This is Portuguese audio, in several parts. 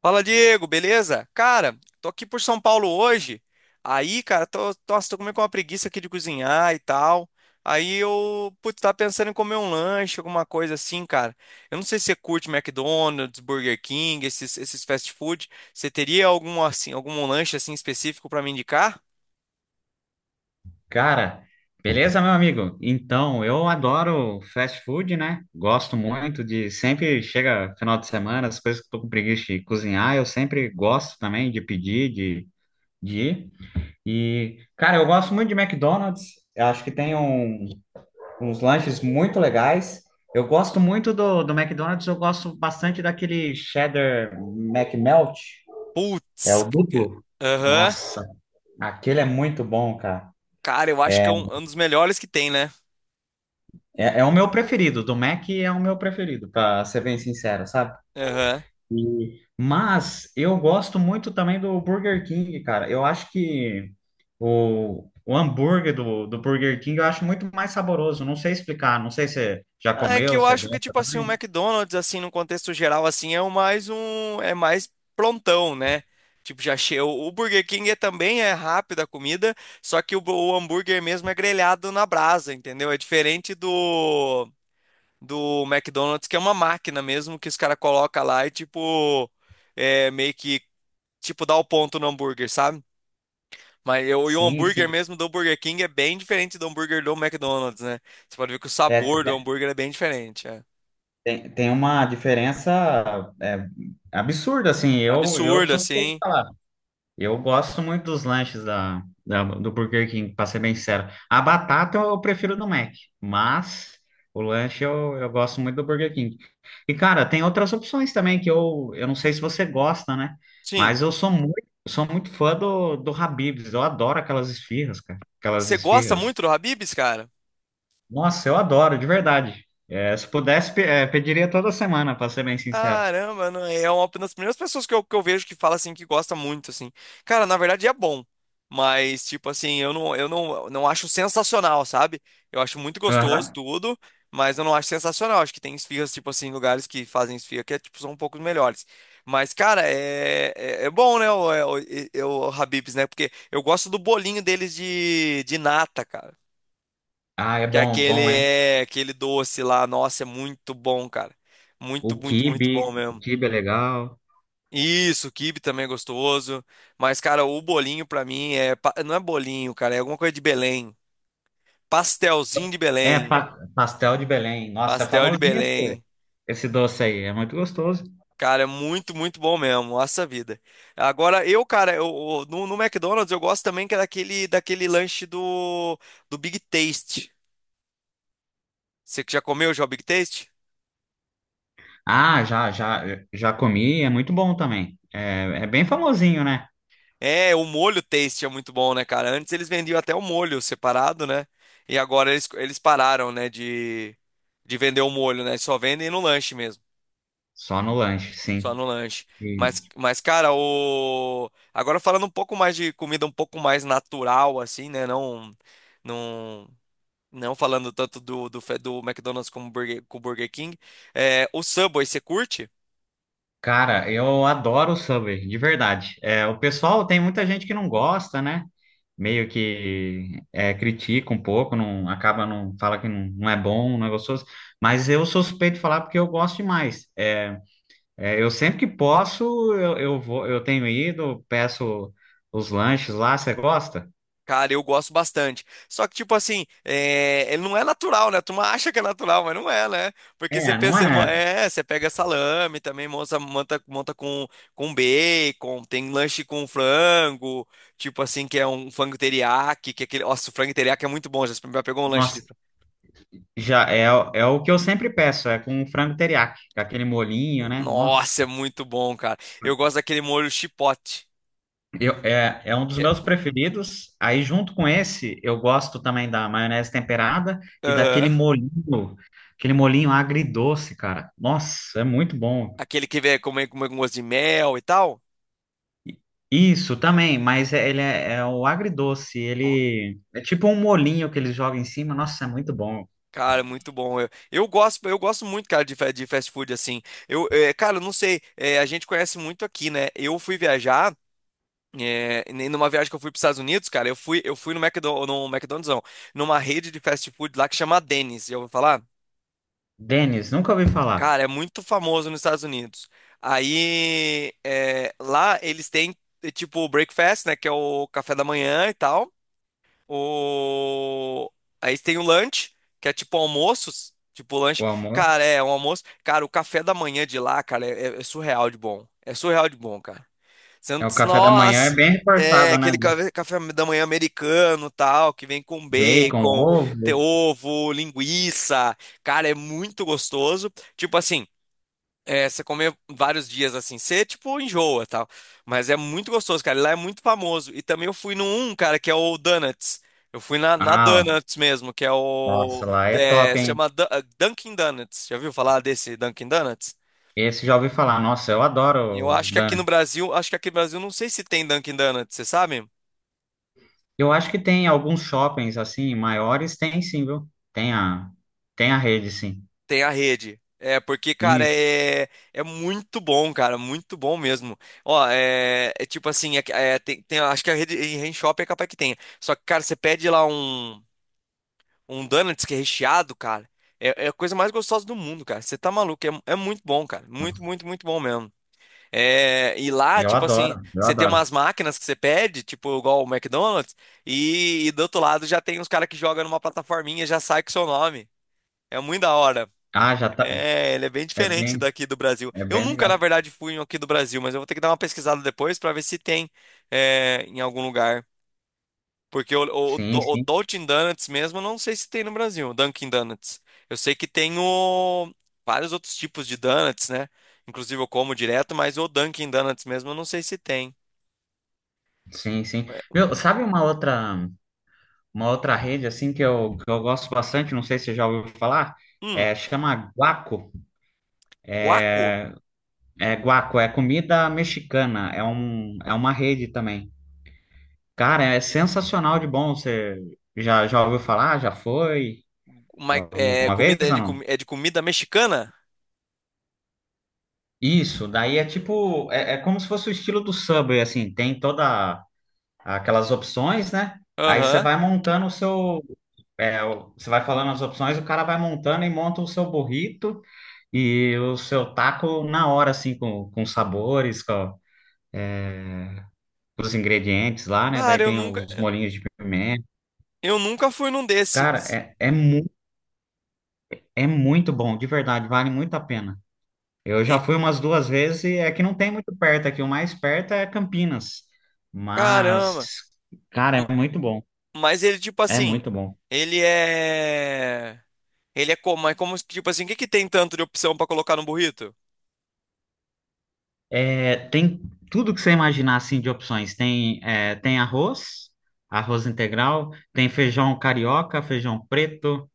Fala, Diego, beleza? Cara, tô aqui por São Paulo hoje. Aí, cara, tô comendo com uma preguiça aqui de cozinhar e tal. Tava pensando em comer um lanche, alguma coisa assim, cara. Eu não sei se você curte McDonald's, Burger King, esses fast food. Você teria algum, assim, algum lanche assim específico pra me indicar? Cara, beleza, meu amigo? Então, eu adoro fast food, né? Gosto muito de. Sempre chega final de semana, as coisas que eu tô com preguiça de cozinhar, eu sempre gosto também de pedir, de ir. E, cara, eu gosto muito de McDonald's. Eu acho que tem uns lanches muito legais. Eu gosto muito do McDonald's, eu gosto bastante daquele cheddar McMelt, é Putz, o c- duplo. aham. Nossa, aquele é muito bom, cara. Cara, eu acho que é é um dos melhores que tem, né? É, é o meu preferido, do Mac é o meu preferido, para ser bem sincero, sabe? Aham. Mas eu gosto muito também do Burger King, cara. Eu acho que o hambúrguer do Burger King eu acho muito mais saboroso. Não sei explicar, não sei se você já É comeu, que eu você acho que, gosta tipo assim, o também. McDonald's, assim, no contexto geral, assim, é é mais prontão, né? Tipo, já cheio. O Burger King é, também é rápida a comida, só que o hambúrguer mesmo é grelhado na brasa, entendeu? É diferente do McDonald's, que é uma máquina mesmo, que os caras colocam lá e, tipo, é meio que, tipo, dá o ponto no hambúrguer, sabe? E o Sim, hambúrguer sim. mesmo do Burger King é bem diferente do hambúrguer do McDonald's, né? Você pode ver que o É, sabor do tem, hambúrguer é bem diferente, é. tem tem uma diferença é, absurda, assim. Eu Absurdo, suspeito de assim. falar. Eu gosto muito dos lanches do Burger King, para ser bem sincero. A batata eu prefiro do Mac, mas o lanche eu gosto muito do Burger King. E, cara, tem outras opções também que eu não sei se você gosta, né? Sim. Mas eu sou muito fã do Habib's. Eu adoro aquelas esfirras, cara. Aquelas Você gosta esfirras. muito do Habibs, cara? Nossa, eu adoro, de verdade. É, se pudesse, pediria toda semana, para ser bem sincero. Caramba, não é uma das primeiras pessoas que eu vejo que fala assim que gosta muito, assim. Cara, na verdade é bom. Mas, tipo assim, eu não, não acho sensacional, sabe? Eu acho muito gostoso Aham. tudo, mas eu não acho sensacional. Acho que tem esfirras, tipo assim, lugares que fazem esfirra que é, tipo, são um pouco melhores. Mas, cara, é bom, né? O, é- o, e- o Habib's, né? Porque eu gosto do bolinho deles de nata, cara. Ah, é Que bom, aquele bom, hein? é aquele doce lá, nossa, é muito bom, cara. Muito bom O mesmo. quibe é legal. Isso, o quibe também é gostoso. Mas, cara, o bolinho pra mim é. Pa- Não é bolinho, cara, é alguma coisa de Belém. Pastelzinho de É, Belém. Pastel de Belém. Nossa, é Pastel de famosinho esse, Belém. esse doce aí. É muito gostoso. Cara, é muito bom mesmo. Nossa vida. Agora, eu, cara, eu- no, no McDonald's eu gosto também que é daquele lanche do Big Taste. Você que já comeu já o Big Taste? Ah, já comi. É muito bom também. É, é bem famosinho, né? É, o molho Taste é muito bom, né, cara? Antes eles vendiam até o molho separado, né? E agora eles pararam, né, de vender o molho, né? Só vendem no lanche mesmo. Só no lanche, Só sim. no lanche. E, Cara, o... agora falando um pouco mais de comida um pouco mais natural, assim, né? Não, não, não falando tanto do McDonald's como Burger, com o Burger King. É, o Subway, você curte? cara, eu adoro o Subway, de verdade. É, o pessoal, tem muita gente que não gosta, né? Meio que é, critica um pouco, não acaba, não fala que não, não é bom, não é gostoso. Mas eu sou suspeito de falar porque eu gosto demais. Eu sempre que posso, eu vou, eu tenho ido, peço os lanches lá, você gosta? Cara, eu gosto bastante. Só que, tipo assim, é... ele não é natural, né? Tu acha que é natural, mas não é, né? Porque você É, não pensa, mo- é? é, você pega salame também, monta com bacon, tem lanche com frango, tipo assim, que é um frango teriyaki, que é aquele. Nossa, o frango teriyaki é muito bom, pegou um lanche de. Nossa, Frango? já é, é o que eu sempre peço, é com frango teriyaki, com aquele molinho, né? Nossa, Nossa, é muito bom, cara. Eu gosto daquele molho chipote é um dos que é... meus preferidos. Aí, junto com esse, eu gosto também da maionese temperada e daquele Aham. molinho, aquele molinho agridoce, cara. Nossa, é muito bom. Aquele que vem comer com gosto de mel e tal. Isso também, mas ele é, é o agridoce, ele é tipo um molinho que eles jogam em cima. Nossa, é muito bom. Cara, muito bom. Eu gosto muito, cara, de fast food assim. Cara, eu não sei, eh, a gente conhece muito aqui, né? Eu fui viajar, numa viagem que eu fui para os Estados Unidos, cara, eu fui no não, numa rede de fast food lá que chama Denny's, já ouviu falar? Denis, nunca ouvi falar. Cara, é muito famoso nos Estados Unidos. Aí, lá eles têm tipo o breakfast, né, que é o café da manhã e tal. O... aí tem o lanche, que é tipo almoços. Tipo lanche. O almoço, Cara, é um almoço. Cara, o café da manhã de lá, cara, é surreal de bom. É surreal de bom, cara. Você não... é o café da manhã é nossa! bem É, reforçado, né? aquele café da manhã americano, tal, que vem com Bacon, bacon, ovo. ter ovo, linguiça. Cara, é muito gostoso. Tipo assim, é, você comer vários dias assim, você tipo enjoa tal. Mas é muito gostoso, cara. E lá é muito famoso. E também eu fui no um, cara, que é o Donuts. Eu fui na Ah, Donuts mesmo, que é o. nossa, lá é é, top, se hein? chama Du- Dunkin' Donuts. Já ouviu falar desse Dunkin' Donuts? Esse já ouvi falar. Nossa, eu Eu adoro, acho que aqui no Dani. Brasil, acho que aqui no Brasil não sei se tem Dunkin' Donuts, você sabe? Eu acho que tem alguns shoppings assim maiores, tem sim, viu? Tem a tem a rede, sim. Tem a rede. É, porque, cara, E é, é muito bom, cara, muito bom mesmo. Ó, é, é tipo assim, é, é, acho que a rede em Rain Shop é capaz que tenha. Só que, cara, você pede lá um donuts que é recheado, cara, é, é a coisa mais gostosa do mundo, cara. Você tá maluco, é, é muito bom, cara, muito bom mesmo. É, e lá, eu tipo assim, adoro, eu você tem adoro. umas máquinas que você pede, tipo igual o McDonald's, e, do outro lado já tem uns caras que jogam numa plataforminha, já sai com o seu nome. É muito da hora. Ah, já tá. É, ele é bem É diferente bem, daqui do Brasil. é Eu bem nunca, legal. na verdade, fui em aqui do Brasil, mas eu vou ter que dar uma pesquisada depois para ver se tem é, em algum lugar. Porque Sim, o sim. Dunkin' Donuts mesmo, eu não sei se tem no Brasil, o Dunkin' Donuts. Eu sei que tem o, vários outros tipos de donuts, né? Inclusive eu como direto, mas o Dunkin' Donuts mesmo, eu não sei se tem. Sim, sim. É, Viu, sabe uma outra rede assim que eu gosto bastante, não sei se você já ouviu falar, hum, é, chama Guaco. guaco? É Guaco, é comida mexicana, é um, é uma rede também. Cara, é sensacional de bom. Você já ouviu falar? Já foi? Uma- é, Alguma vez comida, é, ou de, não? comi- é de comida mexicana? Isso, daí é tipo, é, é como se fosse o estilo do Subway, assim, tem toda aquelas opções, né? Aí você Aham. vai montando o seu, é, você vai falando as opções, o cara vai montando e monta o seu burrito e o seu taco na hora, assim, com os sabores, com, é, os ingredientes lá, né? Daí Cara, tem os molhinhos de pimenta. eu nunca fui num desse. Cara, é, é, mu é muito bom, de verdade, vale muito a pena. Eu já Eh, fui umas duas vezes e é que não tem muito perto aqui, o mais perto é Campinas. caramba. Mas, cara, M- é muito bom, mas ele, tipo é assim, muito bom. ele é. Ele é como? É como, tipo assim, o que que tem tanto de opção pra colocar no burrito? É, tem tudo que você imaginar assim de opções. Tem, é, tem arroz, arroz integral, tem feijão carioca, feijão preto,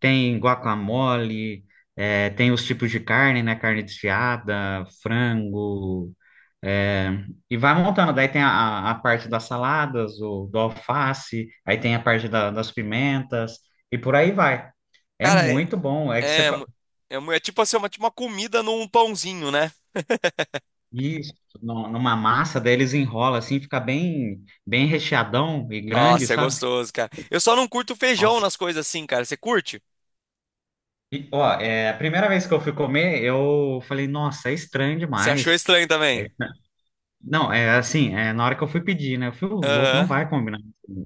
tem guacamole, é, tem os tipos de carne, né? Carne desfiada, frango, é, e vai montando. Daí tem a parte das saladas, o, do alface, aí tem a parte das pimentas, e por aí vai. É Cara, é. muito bom. É que você, É, mu- é tipo assim, uma, tipo uma comida num pãozinho, né? isso, numa massa, daí eles enrolam assim, fica bem, bem recheadão e grande, Nossa, é sabe? gostoso, cara. Eu só não curto feijão Nossa. nas coisas assim, cara. Você curte? E, ó, é, a primeira vez que eu fui comer, eu falei, nossa, é estranho Você achou demais. estranho É, também? não, é assim, é, na hora que eu fui pedir, né? Eu fui "Ô, louco, não Aham. vai combinar.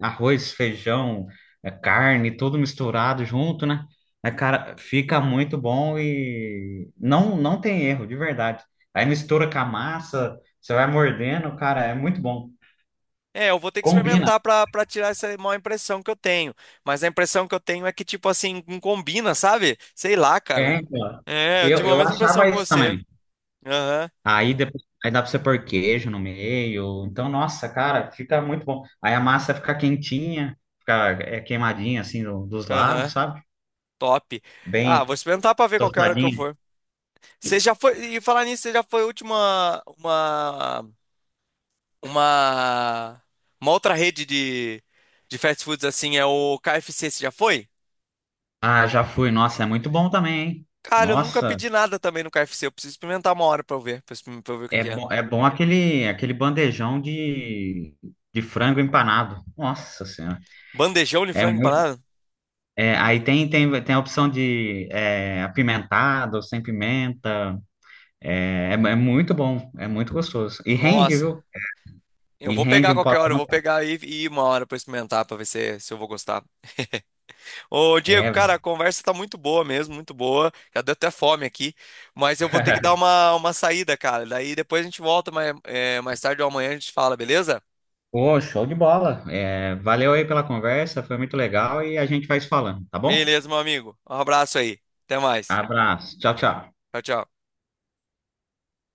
Arroz, feijão, é, carne, tudo misturado junto, né? É, cara, fica muito bom e não, não tem erro, de verdade. Aí mistura com a massa, você vai mordendo, cara, é muito bom. É, eu vou ter que Combina. experimentar pra tirar essa má impressão que eu tenho. Mas a impressão que eu tenho é que, tipo assim, não combina, sabe? Sei lá, É, cara. então. É, eu Eu, tive a eu mesma impressão achava que isso você. também. Aham, Aí depois, aí dá pra você pôr queijo no meio. Então, nossa, cara, fica muito bom. Aí a massa fica quentinha, fica é, queimadinha assim dos lados, aham. sabe? Top. Ah, Bem vou experimentar pra ver qualquer hora que eu tostadinha. for. Você já foi. E falar nisso, você já foi a última. Uma. Uma. Uma outra rede de fast foods assim, é o KFC. Você já foi? Ah, já fui. Nossa, é muito bom também, hein? Cara, eu nunca Nossa, pedi nada também no KFC. Eu preciso experimentar uma hora pra eu ver. Pra eu ver o que que é. É bom aquele aquele bandejão de frango empanado. Nossa Senhora. Bandejão de É frango muito, empanado? é, aí tem, tem a opção de é, apimentado, sem pimenta. É, é é muito bom, é muito gostoso. E rende, Nossa. viu? Eu E vou rende pegar um qualquer hora. Eu potão. vou pegar e ir uma hora pra experimentar, pra ver se, se eu vou gostar. Ô, Diego, É. cara, a conversa tá muito boa mesmo, muito boa. Já deu até fome aqui, mas eu vou ter que dar uma saída, cara. Daí depois a gente volta mais, é, mais tarde ou amanhã a gente fala, beleza? Pô, show de bola. É, valeu aí pela conversa, foi muito legal e a gente vai se falando, tá bom? Beleza, meu amigo. Um abraço aí. Até mais. Abraço. Tchau, tchau. Tchau, tchau.